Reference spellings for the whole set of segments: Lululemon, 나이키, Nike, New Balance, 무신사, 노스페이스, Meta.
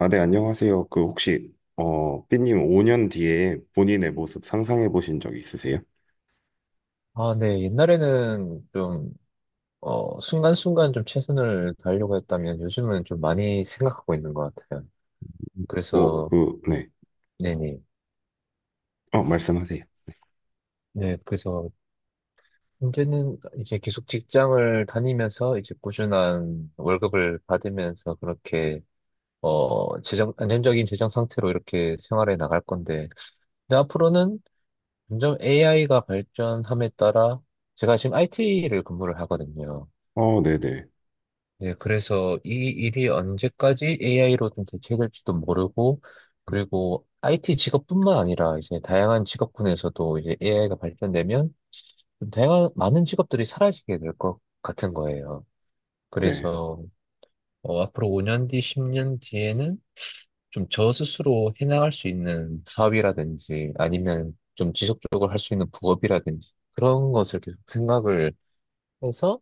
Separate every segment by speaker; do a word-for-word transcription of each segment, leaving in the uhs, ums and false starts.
Speaker 1: 아, 네, 안녕하세요. 그 혹시 어, 삐님 오 년 뒤에 본인의 모습 상상해 보신 적 있으세요?
Speaker 2: 아, 네. 옛날에는 좀, 어, 순간순간 좀 최선을 다하려고 했다면 요즘은 좀 많이 생각하고 있는 것 같아요.
Speaker 1: 오,
Speaker 2: 그래서,
Speaker 1: 그, 네.
Speaker 2: 네네.
Speaker 1: 어, 말씀하세요.
Speaker 2: 네. 그래서 이제는 이제 계속 직장을 다니면서 이제 꾸준한 월급을 받으면서 그렇게, 어, 재정, 안정적인 재정 상태로 이렇게 생활해 나갈 건데, 근데 앞으로는 점점 에이아이가 발전함에 따라 제가 지금 아이티를 근무를 하거든요.
Speaker 1: 어, 네네. 네.
Speaker 2: 네, 그래서 이 일이 언제까지 에이아이로 좀 대체될지도 모르고, 그리고 아이티 직업뿐만 아니라 이제 다양한 직업군에서도 이제 에이아이가 발전되면 좀 다양한 많은 직업들이 사라지게 될 것 같은 거예요.
Speaker 1: 네.
Speaker 2: 그래서 어, 앞으로 오 년 뒤, 십 년 뒤에는 좀 저 스스로 해나갈 수 있는 사업이라든지 아니면 좀 지속적으로 할 수 있는 부업이라든지 그런 것을 계속 생각을 해서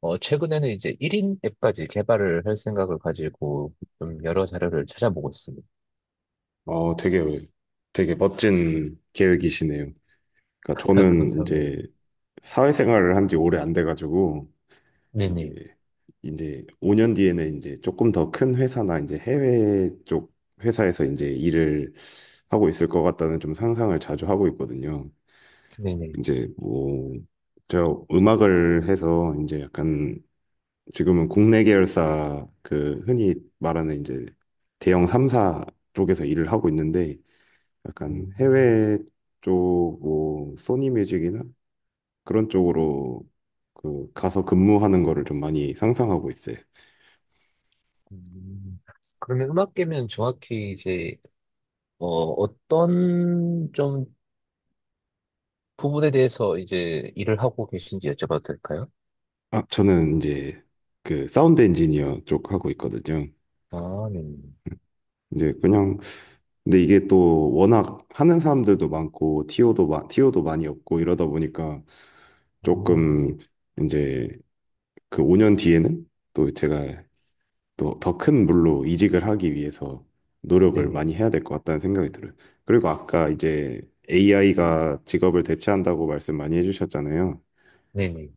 Speaker 2: 어, 최근에는 이제 일 인 앱까지 개발을 할 생각을 가지고 좀 여러 자료를 찾아보고 있습니다.
Speaker 1: 어, 되게, 되게 멋진 계획이시네요. 그러니까 저는
Speaker 2: 감사합니다.
Speaker 1: 이제 사회생활을 한지 오래 안 돼가지고,
Speaker 2: 네네.
Speaker 1: 이제, 이제 오 년 뒤에는 이제 조금 더 큰 회사나 이제 해외 쪽 회사에서 이제 일을 하고 있을 것 같다는 좀 상상을 자주 하고 있거든요.
Speaker 2: 네네.
Speaker 1: 이제 뭐 제가 음악을 해서 이제 약간 지금은 국내 계열사 그 흔히 말하는 이제 대형 삼 사 쪽에서 일을 하고 있는데 약간
Speaker 2: 음,
Speaker 1: 해외 쪽 뭐 소니 뮤직이나 그런 쪽으로 그 가서 근무하는 거를 좀 많이 상상하고 있어요.
Speaker 2: 음. 그러면 음악계면 정확히 이제, 어, 어떤 좀 부분에 대해서 이제 일을 하고 계신지 여쭤봐도 될까요?
Speaker 1: 아, 저는 이제 그 사운드 엔지니어 쪽 하고 있거든요.
Speaker 2: 아, 네네.
Speaker 1: 이제 그냥 근데 이게 또 워낙 하는 사람들도 많고 티오도 마, 티오도 많이 없고 이러다 보니까
Speaker 2: 음,
Speaker 1: 조금 이제 그 오 년 뒤에는 또 제가 또 더 큰 물로 이직을 하기 위해서 노력을
Speaker 2: 네네.
Speaker 1: 많이 해야 될 것 같다는 생각이 들어요. 그리고 아까 이제 에이아이가 직업을 대체한다고 말씀 많이 해주셨잖아요.
Speaker 2: 네네.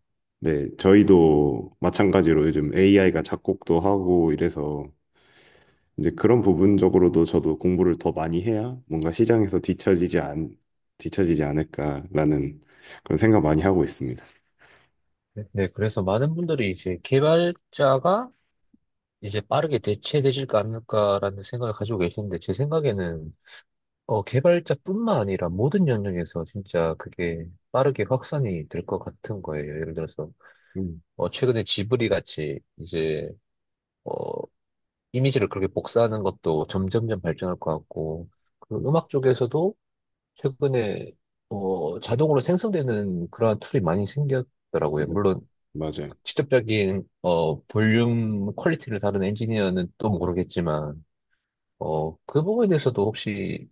Speaker 1: 네, 저희도 마찬가지로 요즘 에이아이가 작곡도 하고 이래서 이제 그런 부분적으로도 저도 공부를 더 많이 해야 뭔가 시장에서 뒤처지지 않, 뒤처지지 않을까라는 그런 생각 많이 하고 있습니다.
Speaker 2: 네, 그래서 많은 분들이 이제 개발자가 이제 빠르게 대체되질까 않을까라는 생각을 가지고 계시는데, 제 생각에는 어, 개발자뿐만 아니라 모든 영역에서 진짜 그게 빠르게 확산이 될 것 같은 거예요. 예를 들어서,
Speaker 1: 음,
Speaker 2: 어, 최근에 지브리 같이 이제, 어, 이미지를 그렇게 복사하는 것도 점점점 발전할 것 같고, 그 음악 쪽에서도 최근에, 어, 자동으로 생성되는 그러한 툴이 많이 생겼더라고요.
Speaker 1: 네,
Speaker 2: 물론,
Speaker 1: 맞아요.
Speaker 2: 직접적인, 어, 볼륨 퀄리티를 다룬 엔지니어는 또 모르겠지만, 어, 그 부분에서도 혹시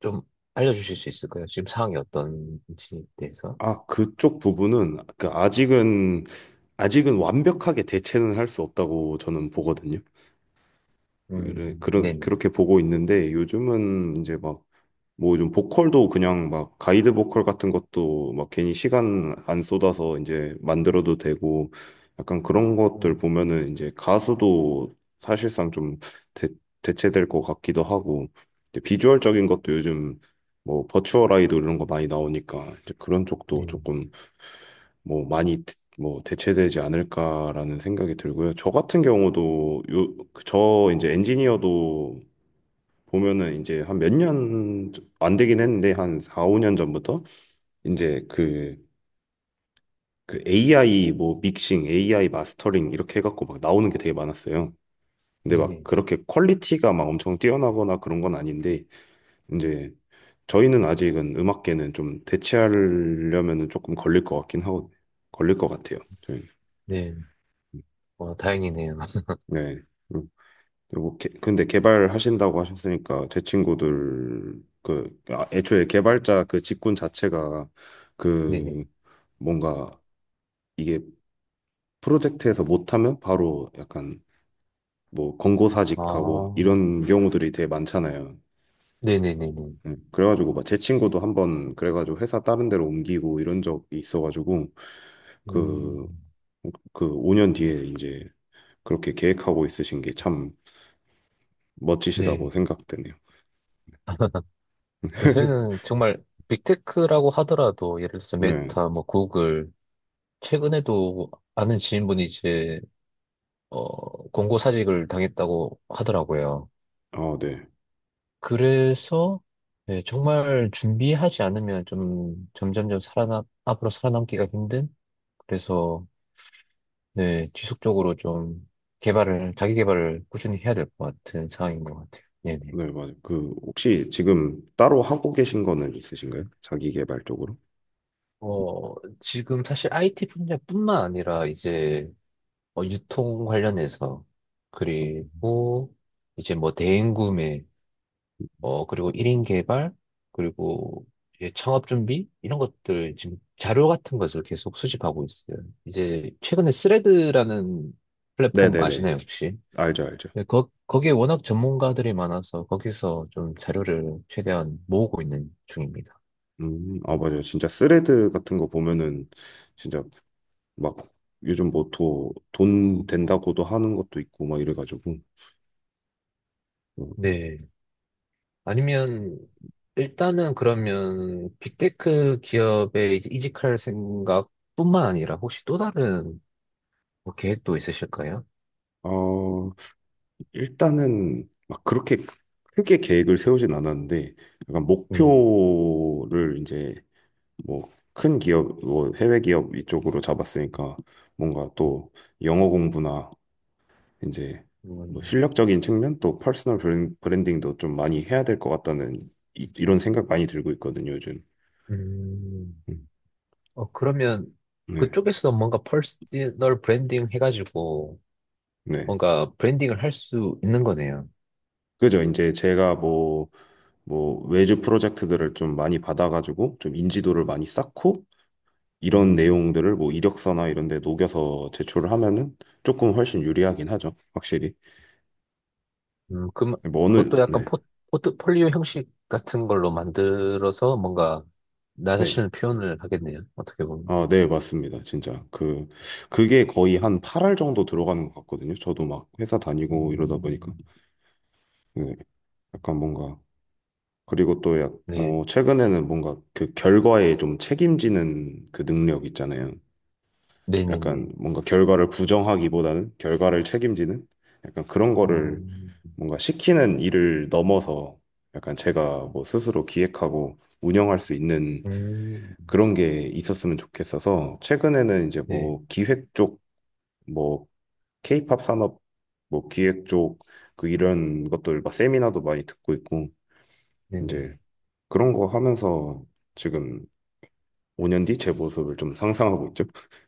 Speaker 2: 좀 알려주실 수 있을까요? 지금 상황이 어떤지 대해서?
Speaker 1: 아, 그쪽 부분은 그 아직은 아직은 완벽하게 대체는 할 수 없다고 저는 보거든요. 그래,
Speaker 2: 음,
Speaker 1: 그런,
Speaker 2: 네네.
Speaker 1: 그렇게 보고 있는데 요즘은 이제 막 뭐 좀 보컬도 그냥 막 가이드 보컬 같은 것도 막 괜히 시간 안 쏟아서 이제 만들어도 되고 약간 그런 것들
Speaker 2: 음,
Speaker 1: 보면은 이제 가수도 사실상 좀 대, 대체될 것 같기도 하고 이제 비주얼적인 것도 요즘 뭐 버추얼 아이돌 이런 거 많이 나오니까 이제 그런 쪽도
Speaker 2: 네네.
Speaker 1: 조금 뭐 많이 드- 뭐 대체되지 않을까라는 생각이 들고요. 저 같은 경우도 요, 그 저 이제 엔지니어도 보면은 이제 한 몇 년 안 되긴 했는데 한 사, 오 년 전부터 이제 그, 그 에이아이 뭐 믹싱, 에이아이 마스터링 이렇게 해갖고 막 나오는 게 되게 많았어요. 근데 막
Speaker 2: 네네.
Speaker 1: 그렇게 퀄리티가 막 엄청 뛰어나거나 그런 건 아닌데 이제 저희는 아직은 음악계는 좀 대체하려면은 조금 걸릴 것 같긴 하고 걸릴 것 같아요. 저희.
Speaker 2: 네, 와, 다행이네요.
Speaker 1: 네. 음. 그리고 개, 근데 개발하신다고 하셨으니까 제 친구들 그 아, 애초에 개발자 그 직군 자체가
Speaker 2: 네네.
Speaker 1: 그 뭔가 이게 프로젝트에서 못하면 바로 약간 뭐
Speaker 2: 아,
Speaker 1: 권고사직하고 이런 경우들이 되게 많잖아요.
Speaker 2: 네네네네.
Speaker 1: 음, 그래가지고 막 제 친구도 한번 그래가지고 회사 다른 데로 옮기고 이런 적이 있어가지고
Speaker 2: 음,
Speaker 1: 그 그 오 년 뒤에 이제 그렇게 계획하고 있으신 게 참
Speaker 2: 네.
Speaker 1: 멋지시다고 생각되네요.
Speaker 2: 요새는 정말 빅테크라고 하더라도 예를 들어서
Speaker 1: 네.
Speaker 2: 메타, 뭐 구글, 최근에도 아는 지인분이 이제 어, 공고사직을 당했다고 하더라고요.
Speaker 1: 아, 네.
Speaker 2: 그래서 네, 정말 준비하지 않으면 좀 점점점 살아남, 앞으로 살아남기가 힘든 그래서 네, 지속적으로 좀 개발을 자기 개발을 꾸준히 해야 될 것 같은 상황인 것 같아요. 네네.
Speaker 1: 네, 맞아요. 그 혹시 지금 따로 하고 계신 거는 있으신가요? 자기 개발 쪽으로?
Speaker 2: 어, 지금 사실 아이티 분야뿐만 아니라 이제 어, 유통 관련해서 그리고 이제 뭐 대행구매 어, 그리고 일 인 개발, 그리고 이제 창업 준비, 이런 것들, 지금 자료 같은 것을 계속 수집하고 있어요. 이제 최근에 스레드라는
Speaker 1: 네,
Speaker 2: 플랫폼
Speaker 1: 네, 네.
Speaker 2: 아시나요, 혹시?
Speaker 1: 알죠, 알죠.
Speaker 2: 네, 거, 거기에 워낙 전문가들이 많아서 거기서 좀 자료를 최대한 모으고 있는 중입니다.
Speaker 1: 음, 아,
Speaker 2: 네.
Speaker 1: 맞아요. 진짜 스레드 같은 거 보면은 진짜 막 요즘 뭐돈 된다고도 하는 것도 있고 막 이래가지고 어,
Speaker 2: 네. 아니면, 일단은 그러면 빅테크 기업에 이제 이직할 생각뿐만 아니라 혹시 또 다른 뭐 계획도 있으실까요?
Speaker 1: 아, 일단은 막 그렇게 크게 계획을 세우진 않았는데 약간
Speaker 2: 네.
Speaker 1: 목표를 이제 뭐 큰 기업, 뭐 해외 기업 이쪽으로 잡았으니까 뭔가 또 영어 공부나 이제 뭐
Speaker 2: 음,
Speaker 1: 실력적인 측면 또 퍼스널 브랜- 브랜딩도 좀 많이 해야 될 것 같다는 이, 이런 생각 많이 들고 있거든요, 요즘.
Speaker 2: 음,
Speaker 1: 음.
Speaker 2: 어, 그러면
Speaker 1: 네.
Speaker 2: 그쪽에서 뭔가 퍼스널 브랜딩 해가지고
Speaker 1: 네.
Speaker 2: 뭔가 브랜딩을 할 수 있는 거네요.
Speaker 1: 그죠. 이제 제가 뭐, 뭐, 외주 프로젝트들을 좀 많이 받아가지고 좀 인지도를 많이 쌓고 이런
Speaker 2: 음,
Speaker 1: 내용들을 뭐 이력서나 이런 데 녹여서 제출을 하면은 조금 훨씬 유리하긴 하죠. 확실히.
Speaker 2: 음, 그,
Speaker 1: 뭐 어느,
Speaker 2: 그것도 약간
Speaker 1: 네.
Speaker 2: 포, 포트폴리오 형식 같은 걸로 만들어서 뭔가 나
Speaker 1: 네.
Speaker 2: 자신을 표현을 하겠네요. 어떻게 보면.
Speaker 1: 아, 네, 맞습니다. 진짜. 그, 그게 거의 한 팔 알 정도 들어가는 것 같거든요. 저도 막 회사 다니고 이러다 보니까.
Speaker 2: 음,
Speaker 1: 그 약간 뭔가 그리고 또 약,
Speaker 2: 네,
Speaker 1: 어, 최근에는 뭔가 그 결과에 좀 책임지는 그 능력 있잖아요.
Speaker 2: 네네네.
Speaker 1: 약간 뭔가 결과를 부정하기보다는 결과를 책임지는 약간 그런 거를
Speaker 2: 음,
Speaker 1: 뭔가 시키는 일을 넘어서 약간 제가 뭐 스스로 기획하고 운영할 수 있는
Speaker 2: 음,
Speaker 1: 그런 게 있었으면 좋겠어서 최근에는 이제
Speaker 2: 네,
Speaker 1: 뭐 기획 쪽, 뭐 케이팝 산업 뭐 기획 쪽 그 이런 것들 막 세미나도 많이 듣고 있고
Speaker 2: 네네.
Speaker 1: 이제 그런 거 하면서 지금 오 년 뒤 제 모습을 좀 상상하고 있죠.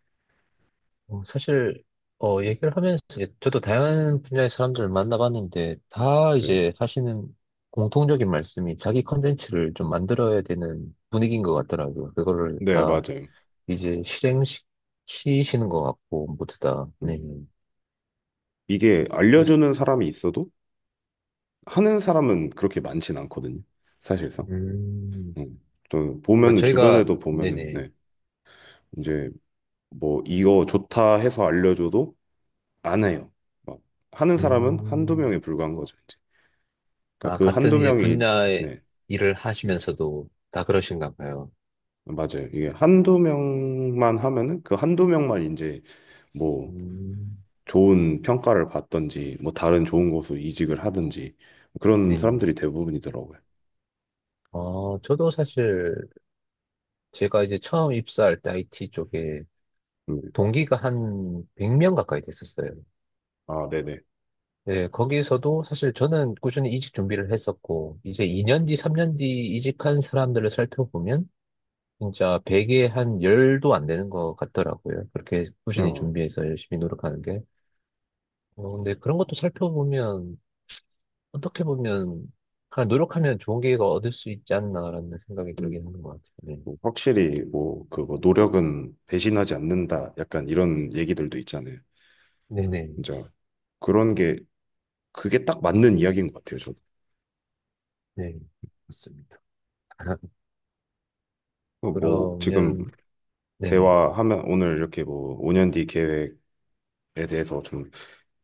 Speaker 2: 어, 사실 어, 얘기를 하면서 이제 저도 다양한 분야의 사람들을 만나봤는데 다
Speaker 1: 네.
Speaker 2: 이제 하시는 공통적인 말씀이 자기 컨텐츠를 좀 만들어야 되는 분위기인 것 같더라고요. 그거를
Speaker 1: 네,
Speaker 2: 다
Speaker 1: 맞아요.
Speaker 2: 이제 실행시키시는 것 같고 모두 다.
Speaker 1: 음.
Speaker 2: 네.
Speaker 1: 이게
Speaker 2: 그래서
Speaker 1: 알려주는 사람이 있어도 하는 사람은 그렇게 많진 않거든요. 사실상.
Speaker 2: 음,
Speaker 1: 음. 또
Speaker 2: 그러니까
Speaker 1: 보면은
Speaker 2: 저희가
Speaker 1: 주변에도 보면은
Speaker 2: 네네.
Speaker 1: 네. 이제 뭐 이거 좋다 해서 알려줘도 안 해요. 막 하는 사람은 한두
Speaker 2: 음,
Speaker 1: 명에 불과한 거죠, 이제. 그러니까
Speaker 2: 아
Speaker 1: 그
Speaker 2: 같은
Speaker 1: 한두
Speaker 2: 이제
Speaker 1: 명이
Speaker 2: 분야의
Speaker 1: 네.
Speaker 2: 일을
Speaker 1: 네.
Speaker 2: 하시면서도 다 그러신가 봐요.
Speaker 1: 맞아요. 이게 한두 명만 하면은 그 한두 명만 이제 뭐
Speaker 2: 음,
Speaker 1: 좋은 평가를 받던지 뭐 다른 좋은 곳으로 이직을 하든지 그런
Speaker 2: 네네.
Speaker 1: 사람들이 대부분이더라고요.
Speaker 2: 어, 저도 사실 제가 이제 처음 입사할 때 아이티 쪽에
Speaker 1: 음.
Speaker 2: 동기가 한 백 명 가까이 됐었어요.
Speaker 1: 아, 네네.
Speaker 2: 예, 거기에서도 사실 저는 꾸준히 이직 준비를 했었고, 이제 이 년 뒤, 삼 년 뒤 이직한 사람들을 살펴보면, 진짜 백에 한 십도 안 되는 것 같더라고요. 그렇게 꾸준히
Speaker 1: 어.
Speaker 2: 준비해서 열심히 노력하는 게. 어, 근데 그런 것도 살펴보면, 어떻게 보면, 그냥 노력하면 좋은 기회가 얻을 수 있지 않나라는 생각이
Speaker 1: 음,
Speaker 2: 들긴 하는 것 같아요. 네.
Speaker 1: 뭐 확실히 뭐 그거 노력은 배신하지 않는다 약간 이런 얘기들도 있잖아요.
Speaker 2: 네네.
Speaker 1: 진짜 그런 게 그게 딱 맞는 이야기인 것 같아요. 저도
Speaker 2: 네. 맞습니다.
Speaker 1: 어, 뭐 지금
Speaker 2: 그러면, 네네.
Speaker 1: 대화하면 오늘 이렇게 뭐 오 년 뒤 계획에 대해서 좀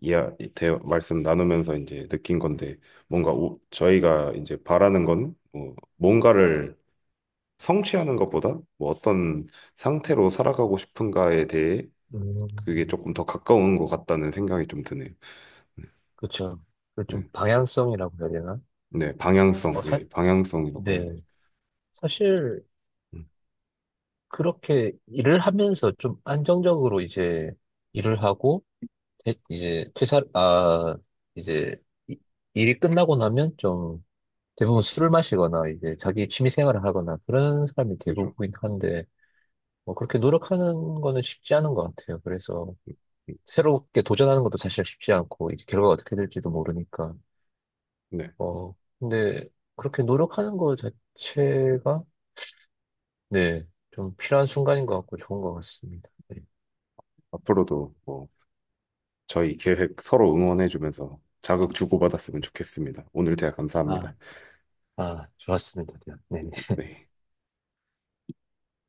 Speaker 1: 이야 대 말씀 나누면서 이제 느낀 건데 뭔가 우- 저희가 이제 바라는 건뭐 뭔가를 성취하는 것보다 뭐 어떤 상태로 살아가고 싶은가에 대해 그게
Speaker 2: 음,
Speaker 1: 조금 더 가까운 것 같다는 생각이 좀 드네요. 네,
Speaker 2: 그쵸. 그좀
Speaker 1: 네,
Speaker 2: 방향성이라고 해야 되나?
Speaker 1: 네, 방향성,
Speaker 2: 어, 사,
Speaker 1: 예, 방향성이라고 해야
Speaker 2: 네.
Speaker 1: 돼요.
Speaker 2: 사실,
Speaker 1: 음,
Speaker 2: 그렇게 일을 하면서 좀 안정적으로 이제 일을 하고, 퇴- 이제 퇴사, 아, 이제 이- 일이 끝나고 나면 좀 대부분 술을 마시거나 이제 자기 취미 생활을 하거나 그런 사람이
Speaker 1: 그죠.
Speaker 2: 대부분이긴 한데, 뭐 그렇게 노력하는 거는 쉽지 않은 것 같아요. 그래서
Speaker 1: 음, 음.
Speaker 2: 새롭게 도전하는 것도 사실 쉽지 않고, 이제 결과가 어떻게 될지도 모르니까.
Speaker 1: 네,
Speaker 2: 어, 근데 그렇게 노력하는 거 자체가, 네, 좀 필요한 순간인 것 같고 좋은 것 같습니다. 네.
Speaker 1: 앞으로도 뭐 저희 계획 서로 응원해주면서 자극 주고받았으면 좋겠습니다. 오늘 대화
Speaker 2: 아,
Speaker 1: 감사합니다.
Speaker 2: 아, 좋았습니다. 네.
Speaker 1: 네.